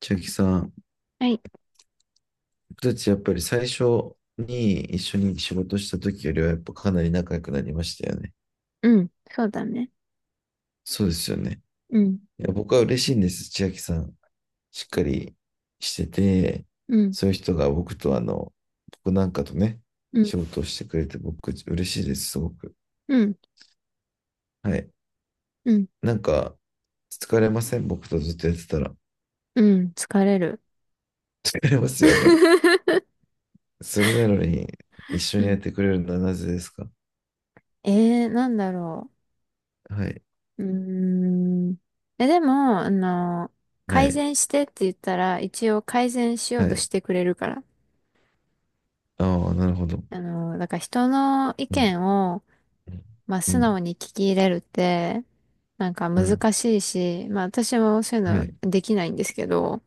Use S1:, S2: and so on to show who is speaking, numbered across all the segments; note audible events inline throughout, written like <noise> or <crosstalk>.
S1: 千秋さん、
S2: はい。
S1: 僕たちやっぱり最初に一緒に仕事した時よりはやっぱかなり仲良くなりましたよね。
S2: うん。そうだね。
S1: そうですよね。
S2: うん。
S1: いや、僕は嬉しいんです。千秋さん、しっかりしてて、
S2: うん。
S1: そういう人が僕と僕なんかとね、
S2: うん。
S1: 仕事をしてくれて僕嬉しいです、すごく。
S2: うん。
S1: はい。
S2: うん。
S1: なんか、疲れません僕とずっとやってたら。
S2: うん。疲れる。
S1: 疲れますよね。
S2: <laughs>
S1: それなのに、一緒
S2: う
S1: にやっ
S2: ん。
S1: てくれるのはなぜですか？
S2: なんだろ
S1: はい。
S2: う。うーん。え、でも、
S1: は
S2: 改
S1: い。
S2: 善してって言ったら、一応改善しよう
S1: は
S2: と
S1: い。
S2: してくれるから。
S1: ああ、なるほど。
S2: だから人の意
S1: うん、
S2: 見を、まあ、
S1: う
S2: 素
S1: ん、
S2: 直に聞き入れるって、なんか
S1: うん、
S2: 難しいし、まあ、私もそういう
S1: は
S2: の
S1: い。
S2: できないんですけど、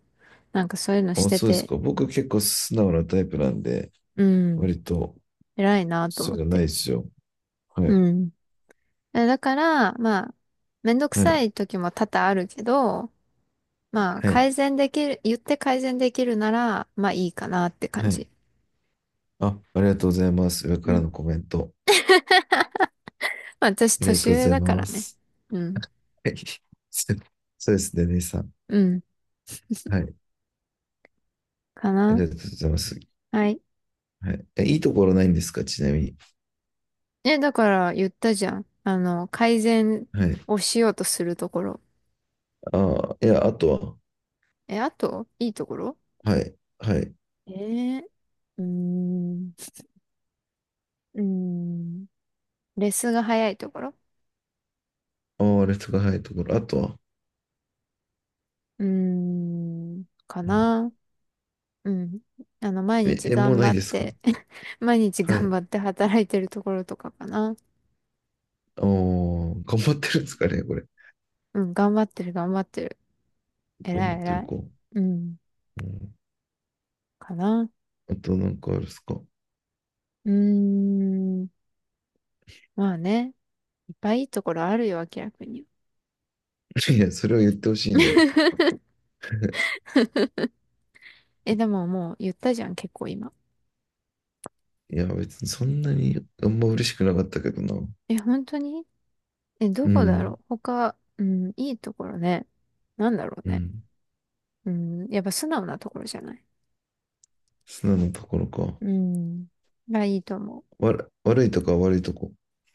S2: なんかそういうのし
S1: あ、
S2: て
S1: そうです
S2: て、
S1: か。僕結構素直なタイプなんで、
S2: うん、
S1: 割と、
S2: 偉いなと
S1: そ
S2: 思
S1: う
S2: っ
S1: いうのない
S2: て。
S1: ですよ。はい、
S2: うん。だから、まあ、めんどく
S1: は
S2: さ
S1: い、
S2: い時も多々あるけど、まあ、
S1: はい、
S2: 改善できる、言って改善できるなら、まあいいかなって感
S1: は
S2: じ。
S1: い。あ、ありがとうございます。上か
S2: う
S1: ら
S2: ん。
S1: のコメント。
S2: まあ、私、
S1: ありが
S2: 年
S1: とうご
S2: 上
S1: ざい
S2: だから
S1: ま
S2: ね。
S1: す。
S2: うん。
S1: はい。<laughs> そうそうですね、姉さん。
S2: うん。
S1: はい。
S2: か
S1: あり
S2: な。
S1: がとうございます。
S2: はい。
S1: はい。え、いいところないんですか、ちなみに？
S2: だから言ったじゃん。改善
S1: はい。
S2: をしようとするところ。
S1: ああ、いや、あと
S2: あと、いいところ？
S1: は。はい、はい。
S2: えー、うーん、うーん、レスが早いところ。
S1: ああ、あれとかはいところ。あとは？
S2: うーん、か
S1: うん。
S2: な。うん。毎
S1: え、
S2: 日
S1: えもう
S2: 頑
S1: な
S2: 張
S1: い
S2: っ
S1: ですか？
S2: て <laughs> 毎日
S1: は
S2: 頑
S1: い。
S2: 張って働いてるところとかかな。
S1: おー、頑張ってるんですかね、これ。
S2: うん、頑張ってる、頑張ってる。
S1: 頑
S2: 偉
S1: 張っ
S2: い、
S1: てる
S2: 偉い。
S1: か。う
S2: うん、
S1: ん。
S2: かな。
S1: あとなんかあるっすか？ <laughs>
S2: うーん、まあね。いっぱいいいところあるよ、明らかに。
S1: いや、それを言ってほしいのよ。
S2: <laughs> でももう言ったじゃん、結構今。
S1: いや、別にそんなにあんま嬉しくなかったけどな。
S2: 本当に？ど
S1: う
S2: こだ
S1: ん。
S2: ろう他、うん、いいところね。なんだろう
S1: う
S2: ね。
S1: ん。
S2: うん、やっぱ素直なところじゃない？
S1: 素直なところか。
S2: うん、がいいと思う。
S1: わら、悪いとか悪いとこ。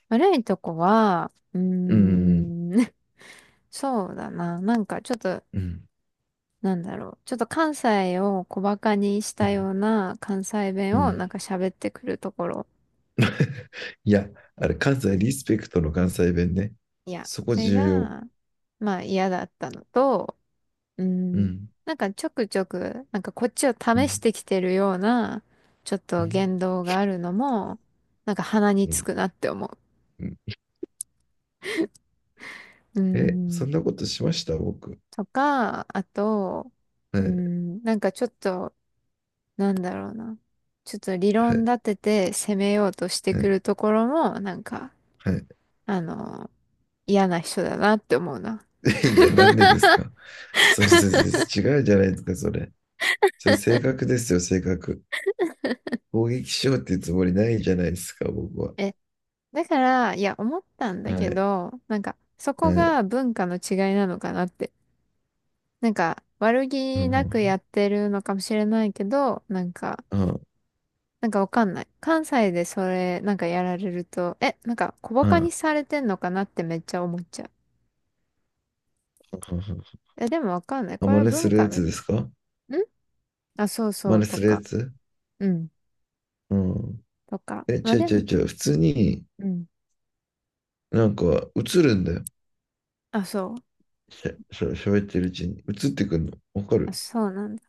S2: 悪いとこは、う
S1: うん。
S2: ーん <laughs> そうだな。なんかちょっと、
S1: うん。
S2: なんだろう。ちょっと関西を小馬鹿にし
S1: う
S2: た
S1: ん。
S2: ような関西
S1: う
S2: 弁を
S1: ん。
S2: なんか喋ってくるところ。
S1: <laughs> いや、あれ、関西リスペクトの関西弁ね。
S2: いや、
S1: そこ
S2: それ
S1: 重要。
S2: が、まあ嫌だったのと、う
S1: う
S2: ん、
S1: ん。
S2: なんかちょくちょく、なんかこっちを
S1: う
S2: 試し
S1: ん。
S2: てきてるような、ちょっ
S1: う
S2: と
S1: ん。
S2: 言動があるのも、なんか鼻に
S1: う
S2: つ
S1: ん。
S2: くなって思
S1: うん。
S2: う。う
S1: え、そん
S2: ん、
S1: なことしました僕？
S2: とか、あと、
S1: は
S2: う
S1: い。
S2: ん、なんかちょっと、なんだろうな。ちょっと理
S1: は
S2: 論
S1: い。
S2: 立てて攻めようとして
S1: は
S2: く
S1: い。
S2: るところも、なんか、
S1: は
S2: あの、嫌な人だなって思うな。
S1: い。<laughs> いや、なんでですか？それ違うじゃないですか、それ。それ、性格ですよ、性格。攻撃しようっていうつもりないじゃないですか、僕は。
S2: え、だから、いや、思ったんだ
S1: は
S2: け
S1: い、
S2: ど、なんか、そこ
S1: はい。
S2: が文化の違いなのかなって。なんか、悪
S1: うん、
S2: 気
S1: う
S2: な
S1: ん、
S2: くやってるのかもしれないけど、なんか、
S1: うん。
S2: わかんない。関西でそれ、なんかやられると、なんか小バ
S1: う
S2: カに
S1: ん。
S2: されてんのかなってめっちゃ思っちゃう。でもわかんない。
S1: あ、
S2: これ
S1: 真
S2: は
S1: 似す
S2: 文
S1: る
S2: 化
S1: や
S2: の、
S1: つですか？
S2: あ、そうそ
S1: 真
S2: う
S1: 似
S2: と
S1: するや
S2: か。
S1: つ。
S2: うん
S1: うん。
S2: とか。
S1: え、
S2: まあ
S1: 違う
S2: で
S1: 違う
S2: も、
S1: 違う。普通に、
S2: うん。
S1: なんか、映るんだよ。
S2: あ、そう。
S1: しゃ、しゃ、喋ってるうちに。映ってくるの。わか
S2: あ、
S1: る？
S2: そうなんだ。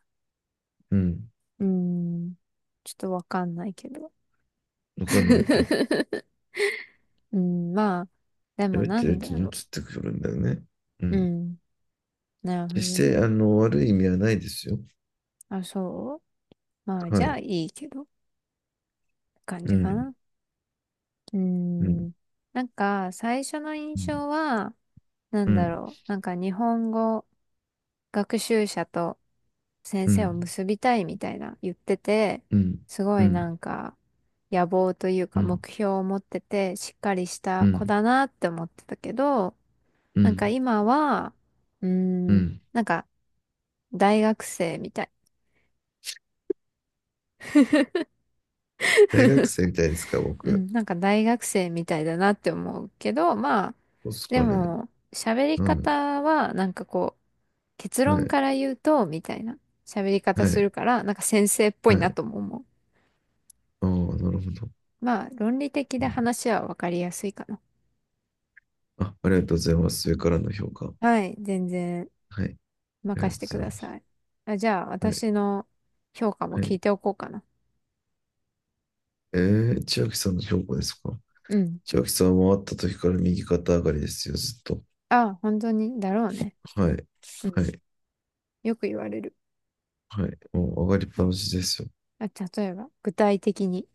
S1: うん。
S2: うーん。ちょっとわかんないけど。
S1: わかんないか。
S2: <laughs> うん、まあ、でも
S1: 喋っ
S2: な
S1: てる
S2: ん
S1: う
S2: だ
S1: ちに映っ
S2: ろ
S1: てくるんだよね。う
S2: う。う
S1: ん。
S2: ん。なるほど
S1: 決し
S2: ね。
S1: て、悪い意味はないですよ。
S2: あ、そう。まあ、じ
S1: は
S2: ゃあ
S1: い。
S2: いいけど、感
S1: う
S2: じか
S1: ん。
S2: な。うー
S1: うん。
S2: ん。なんか、最初の印
S1: うん、
S2: 象は、な
S1: う
S2: んだ
S1: ん、
S2: ろう。なんか日本語学習者と先
S1: う
S2: 生を
S1: ん、
S2: 結びたいみたいな言ってて、
S1: うん、
S2: すご
S1: う
S2: い
S1: ん、
S2: なんか野望という
S1: う
S2: か
S1: ん、
S2: 目標を持っててしっかりし
S1: う
S2: た子
S1: ん、
S2: だなって思ってたけど、
S1: う
S2: なんか
S1: ん、
S2: 今は、うー
S1: う
S2: ん、
S1: ん。
S2: なんか大学生みたい。
S1: 大学生みたいですか、
S2: う
S1: 僕？
S2: ん、なんか大学生みたいだなって思うけど、まあ、
S1: そうっす
S2: で
S1: かね。
S2: も喋り
S1: はい、
S2: 方はなんかこう、結
S1: は
S2: 論
S1: い、
S2: から言うと、みたいな喋り方
S1: は
S2: す
S1: い、
S2: るから、なんか先生っぽ
S1: は
S2: いな
S1: い。
S2: とも思う。
S1: ああ、なるほど。
S2: まあ、論理的
S1: う
S2: で
S1: ん。
S2: 話は分かりやすいかな。
S1: あ、ありがとうございます。上からの評価。
S2: はい、全然。
S1: はい、ありが
S2: 任
S1: とう
S2: せ
S1: ご
S2: て
S1: ざ
S2: く
S1: い
S2: だ
S1: ます。
S2: さい。あ、じゃあ、
S1: はい、
S2: 私の評価も
S1: は
S2: 聞い
S1: い。
S2: ておこうかな。
S1: えー、千秋さんの評価ですか？
S2: うん。
S1: 千秋さんは会った時から右肩上がりですよ、ずっと。
S2: あ、本当に、だろうね。
S1: はい、
S2: う
S1: は
S2: ん。
S1: い、
S2: よく言われる。
S1: はい。もう上がりっぱなしですよ。
S2: あ、例えば、具体的に。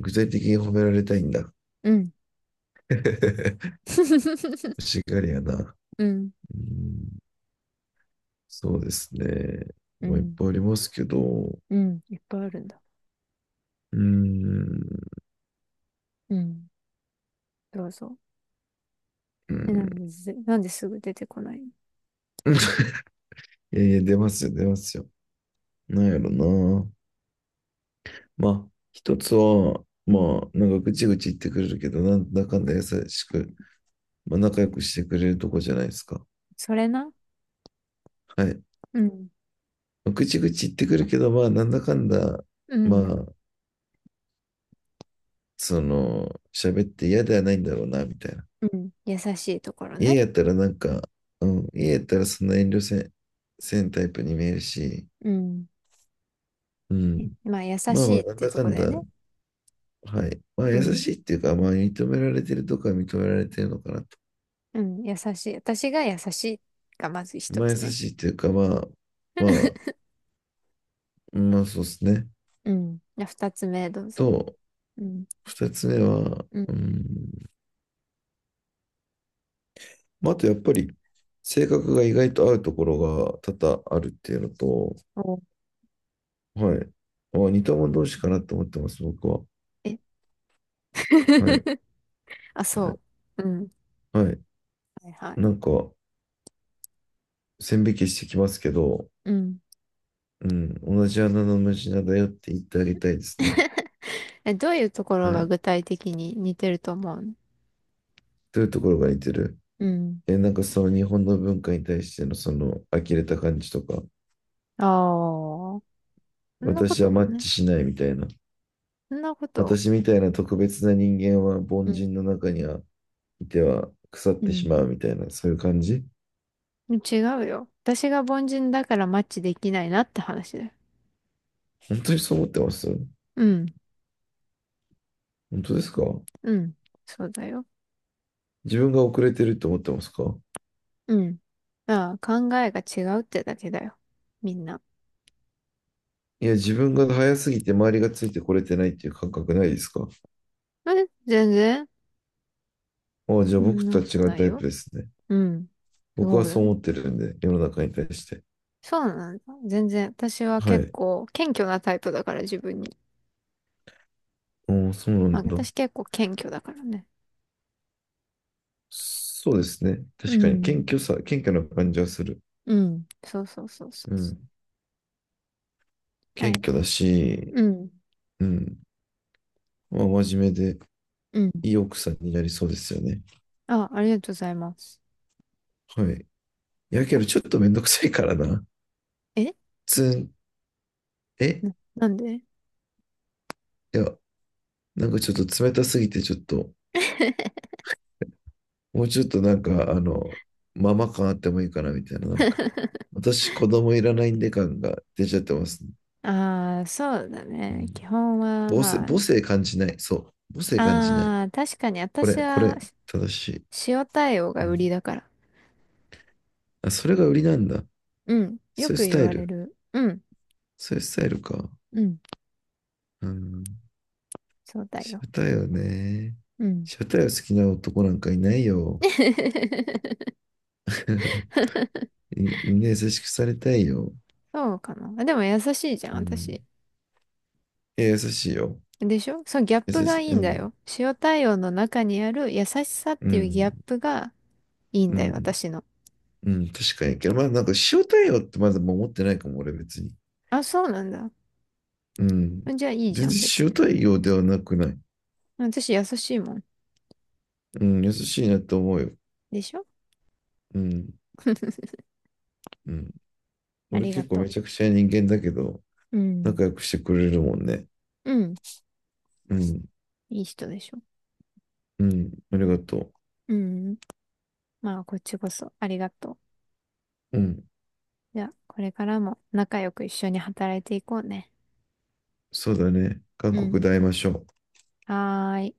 S1: 具体的に褒められたいんだ。
S2: うん。
S1: <laughs> 欲
S2: <laughs>
S1: しがりやな。
S2: うん。
S1: うん。そうですね。
S2: う
S1: まあ、いっ
S2: ん。
S1: ぱいありますけど、
S2: うん。いっぱいあるんだ。
S1: ーん、
S2: うん。どうぞ。
S1: うー
S2: なん
S1: ん
S2: でず、なんですぐ出てこないの？
S1: <laughs> えー出ますよ、出ますよ。なんやろな。まあ、一つは、
S2: うん。
S1: まあ、なんかぐちぐち言ってくれるけど、なんだかんだ優しく、まあ、仲良くしてくれるとこじゃないですか。
S2: それな。
S1: はい。
S2: うん。
S1: まあ、ぐちぐち言ってくるけど、まあ、なんだかんだ、
S2: う
S1: ま
S2: ん。
S1: あ、その、喋って嫌ではないんだろうな、みたいな。
S2: うん。優しいところ
S1: 家
S2: ね。
S1: やったらなんか、うん、家やったらそんな遠慮せんタイプに見えるし、
S2: うん。
S1: うん。
S2: まあ、優
S1: まあ
S2: し
S1: まあ、
S2: いっ
S1: なん
S2: て
S1: だ
S2: と
S1: か
S2: こ
S1: ん
S2: だよ
S1: だ、
S2: ね。
S1: はい。まあ、
S2: う
S1: 優
S2: ん。
S1: しいっていうか、まあ、認められてるとか認められてるのかなと。
S2: うん。優しい。私が優しいがまず一
S1: まあ、優
S2: つね。
S1: しいっていうか、まあ、まあ、
S2: <laughs>
S1: まあ、そうですね。
S2: うん。じゃあ二つ目、どうぞ。
S1: と、
S2: うん。
S1: 二つ目は、
S2: うん。
S1: うん、まあ、あとやっぱり、性格が意外と合うところが多々あるっていうのと、
S2: お、
S1: はい。まあ、似た者同士かなと思ってます、僕は。
S2: え
S1: はい。
S2: <laughs> あ、
S1: は
S2: そ
S1: い。
S2: う。うん。
S1: はい。
S2: はいはい。
S1: なんか、線引きしてきますけど、
S2: うん。
S1: うん、同じ穴の無地なだよって言ってあげたいですね。
S2: <laughs> どういうとこ
S1: は
S2: ろが
S1: い。
S2: 具体的に似てると思うの？
S1: どういうところが似てる？
S2: うん。
S1: え、なんかその日本の文化に対してのその呆れた感じとか、
S2: ああ、そんなこ
S1: 私
S2: と
S1: はマッ
S2: ね。
S1: チしないみたいな、
S2: そんなこと。
S1: 私みたいな特別な人間は凡
S2: うん。
S1: 人の中にはいては腐っ
S2: う
S1: てしま
S2: ん。
S1: うみたいな、そういう感じ？
S2: 違うよ。私が凡人だからマッチできないなって話だよ。
S1: 本当にそう思ってます？
S2: うん。
S1: 本当ですか？
S2: うん。そうだよ。
S1: 自分が遅れてると思ってますか？
S2: うん。ああ、考えが違うってだけだよ。みんな。
S1: いや、自分が早すぎて周りがついてこれてないっていう感覚ないですか？
S2: 全然
S1: ああ、じゃあ
S2: そん
S1: 僕
S2: な
S1: とは
S2: こと
S1: 違う
S2: ない
S1: タイプ
S2: よ。
S1: ですね。
S2: うん。
S1: 僕
S2: そ
S1: は
S2: う
S1: そ
S2: だ。
S1: う思ってるんで、世の中に対して。
S2: そうなんだ。全然。私は
S1: は
S2: 結
S1: い。
S2: 構謙虚なタイプだから自分に。
S1: おお、そうな
S2: まあ
S1: んだ。
S2: 私結構謙虚だからね。
S1: そうですね。
S2: う
S1: 確かに、
S2: ん。
S1: 謙虚さ、謙虚な感じはする。
S2: うん。そうそうそうそ
S1: う
S2: うそ
S1: ん。
S2: う。は
S1: 謙
S2: い。
S1: 虚だし、
S2: うん。
S1: うん。まあ、真面目で、
S2: うん。
S1: いい奥さんになりそうですよね。
S2: あ、ありがとうございます。
S1: はい。いやけ
S2: あ
S1: ど、ちょっとめんどくさいからな。
S2: え
S1: つん、え、
S2: な、なんで？
S1: いや、なんかちょっと冷たすぎて、ちょっと、
S2: <laughs>
S1: もうちょっとなんか、ママ感あってもいいかな、みたいな、なんか。私、子供いらないんで感が出ちゃってますね。
S2: ああ、そうだ
S1: う
S2: ね。
S1: ん。
S2: 基本は、
S1: 母性、母
S2: ま
S1: 性感じない。そう。母性
S2: あ。
S1: 感じない。
S2: ああ、確かに
S1: こ
S2: 私
S1: れ、こ
S2: は、
S1: れ、正しい。
S2: 塩対応
S1: う
S2: が売り
S1: ん。
S2: だから。
S1: あ、それが売りなんだ。
S2: うん。よ
S1: そうい
S2: く
S1: うス
S2: 言
S1: タイ
S2: われ
S1: ル。
S2: る。うん。
S1: そういうスタイルか。
S2: うん。
S1: うん。
S2: そうだ
S1: シ
S2: よ。
S1: ャタイはね。
S2: うん。
S1: シャタイは好きな男なんかいないよ。
S2: <laughs>
S1: <laughs> い、みんな優しくされたいよ。
S2: そうかな。あでも優しいじゃん、
S1: うん。
S2: 私。
S1: いや、優しいよ。
S2: でしょ？そのギャッ
S1: 優
S2: プ
S1: し
S2: が
S1: い。
S2: いい
S1: う
S2: んだ
S1: ん。
S2: よ。塩対応の中にある優しさっ
S1: う
S2: ていうギャッ
S1: ん。
S2: プがいいん
S1: う
S2: だよ、
S1: ん。
S2: 私の。
S1: うん。確かに。けど、まあ、なんか、塩対応ってまだ守ってないかも、俺別に。
S2: あ、そうなんだ。
S1: うん。
S2: じゃあいいじ
S1: 全
S2: ゃ
S1: 然
S2: ん、別に。
S1: 塩対応ではなくない？
S2: 私優しいもん。
S1: うん。優しいなと思うよ。
S2: でしょ？
S1: うん。
S2: <laughs>
S1: うん。
S2: あ
S1: 俺
S2: りが
S1: 結構
S2: と
S1: めちゃくちゃ人間だけど、
S2: う。うん。
S1: 仲良くしてくれるもんね。
S2: うん。
S1: うん。
S2: いい人でしょ。
S1: うん、ありがと
S2: うん。まあ、こっちこそありがとう。
S1: う。うん、
S2: じゃあ、これからも仲良く一緒に働いていこうね。
S1: そうだね。韓
S2: うん。
S1: 国で会いましょう。
S2: はーい。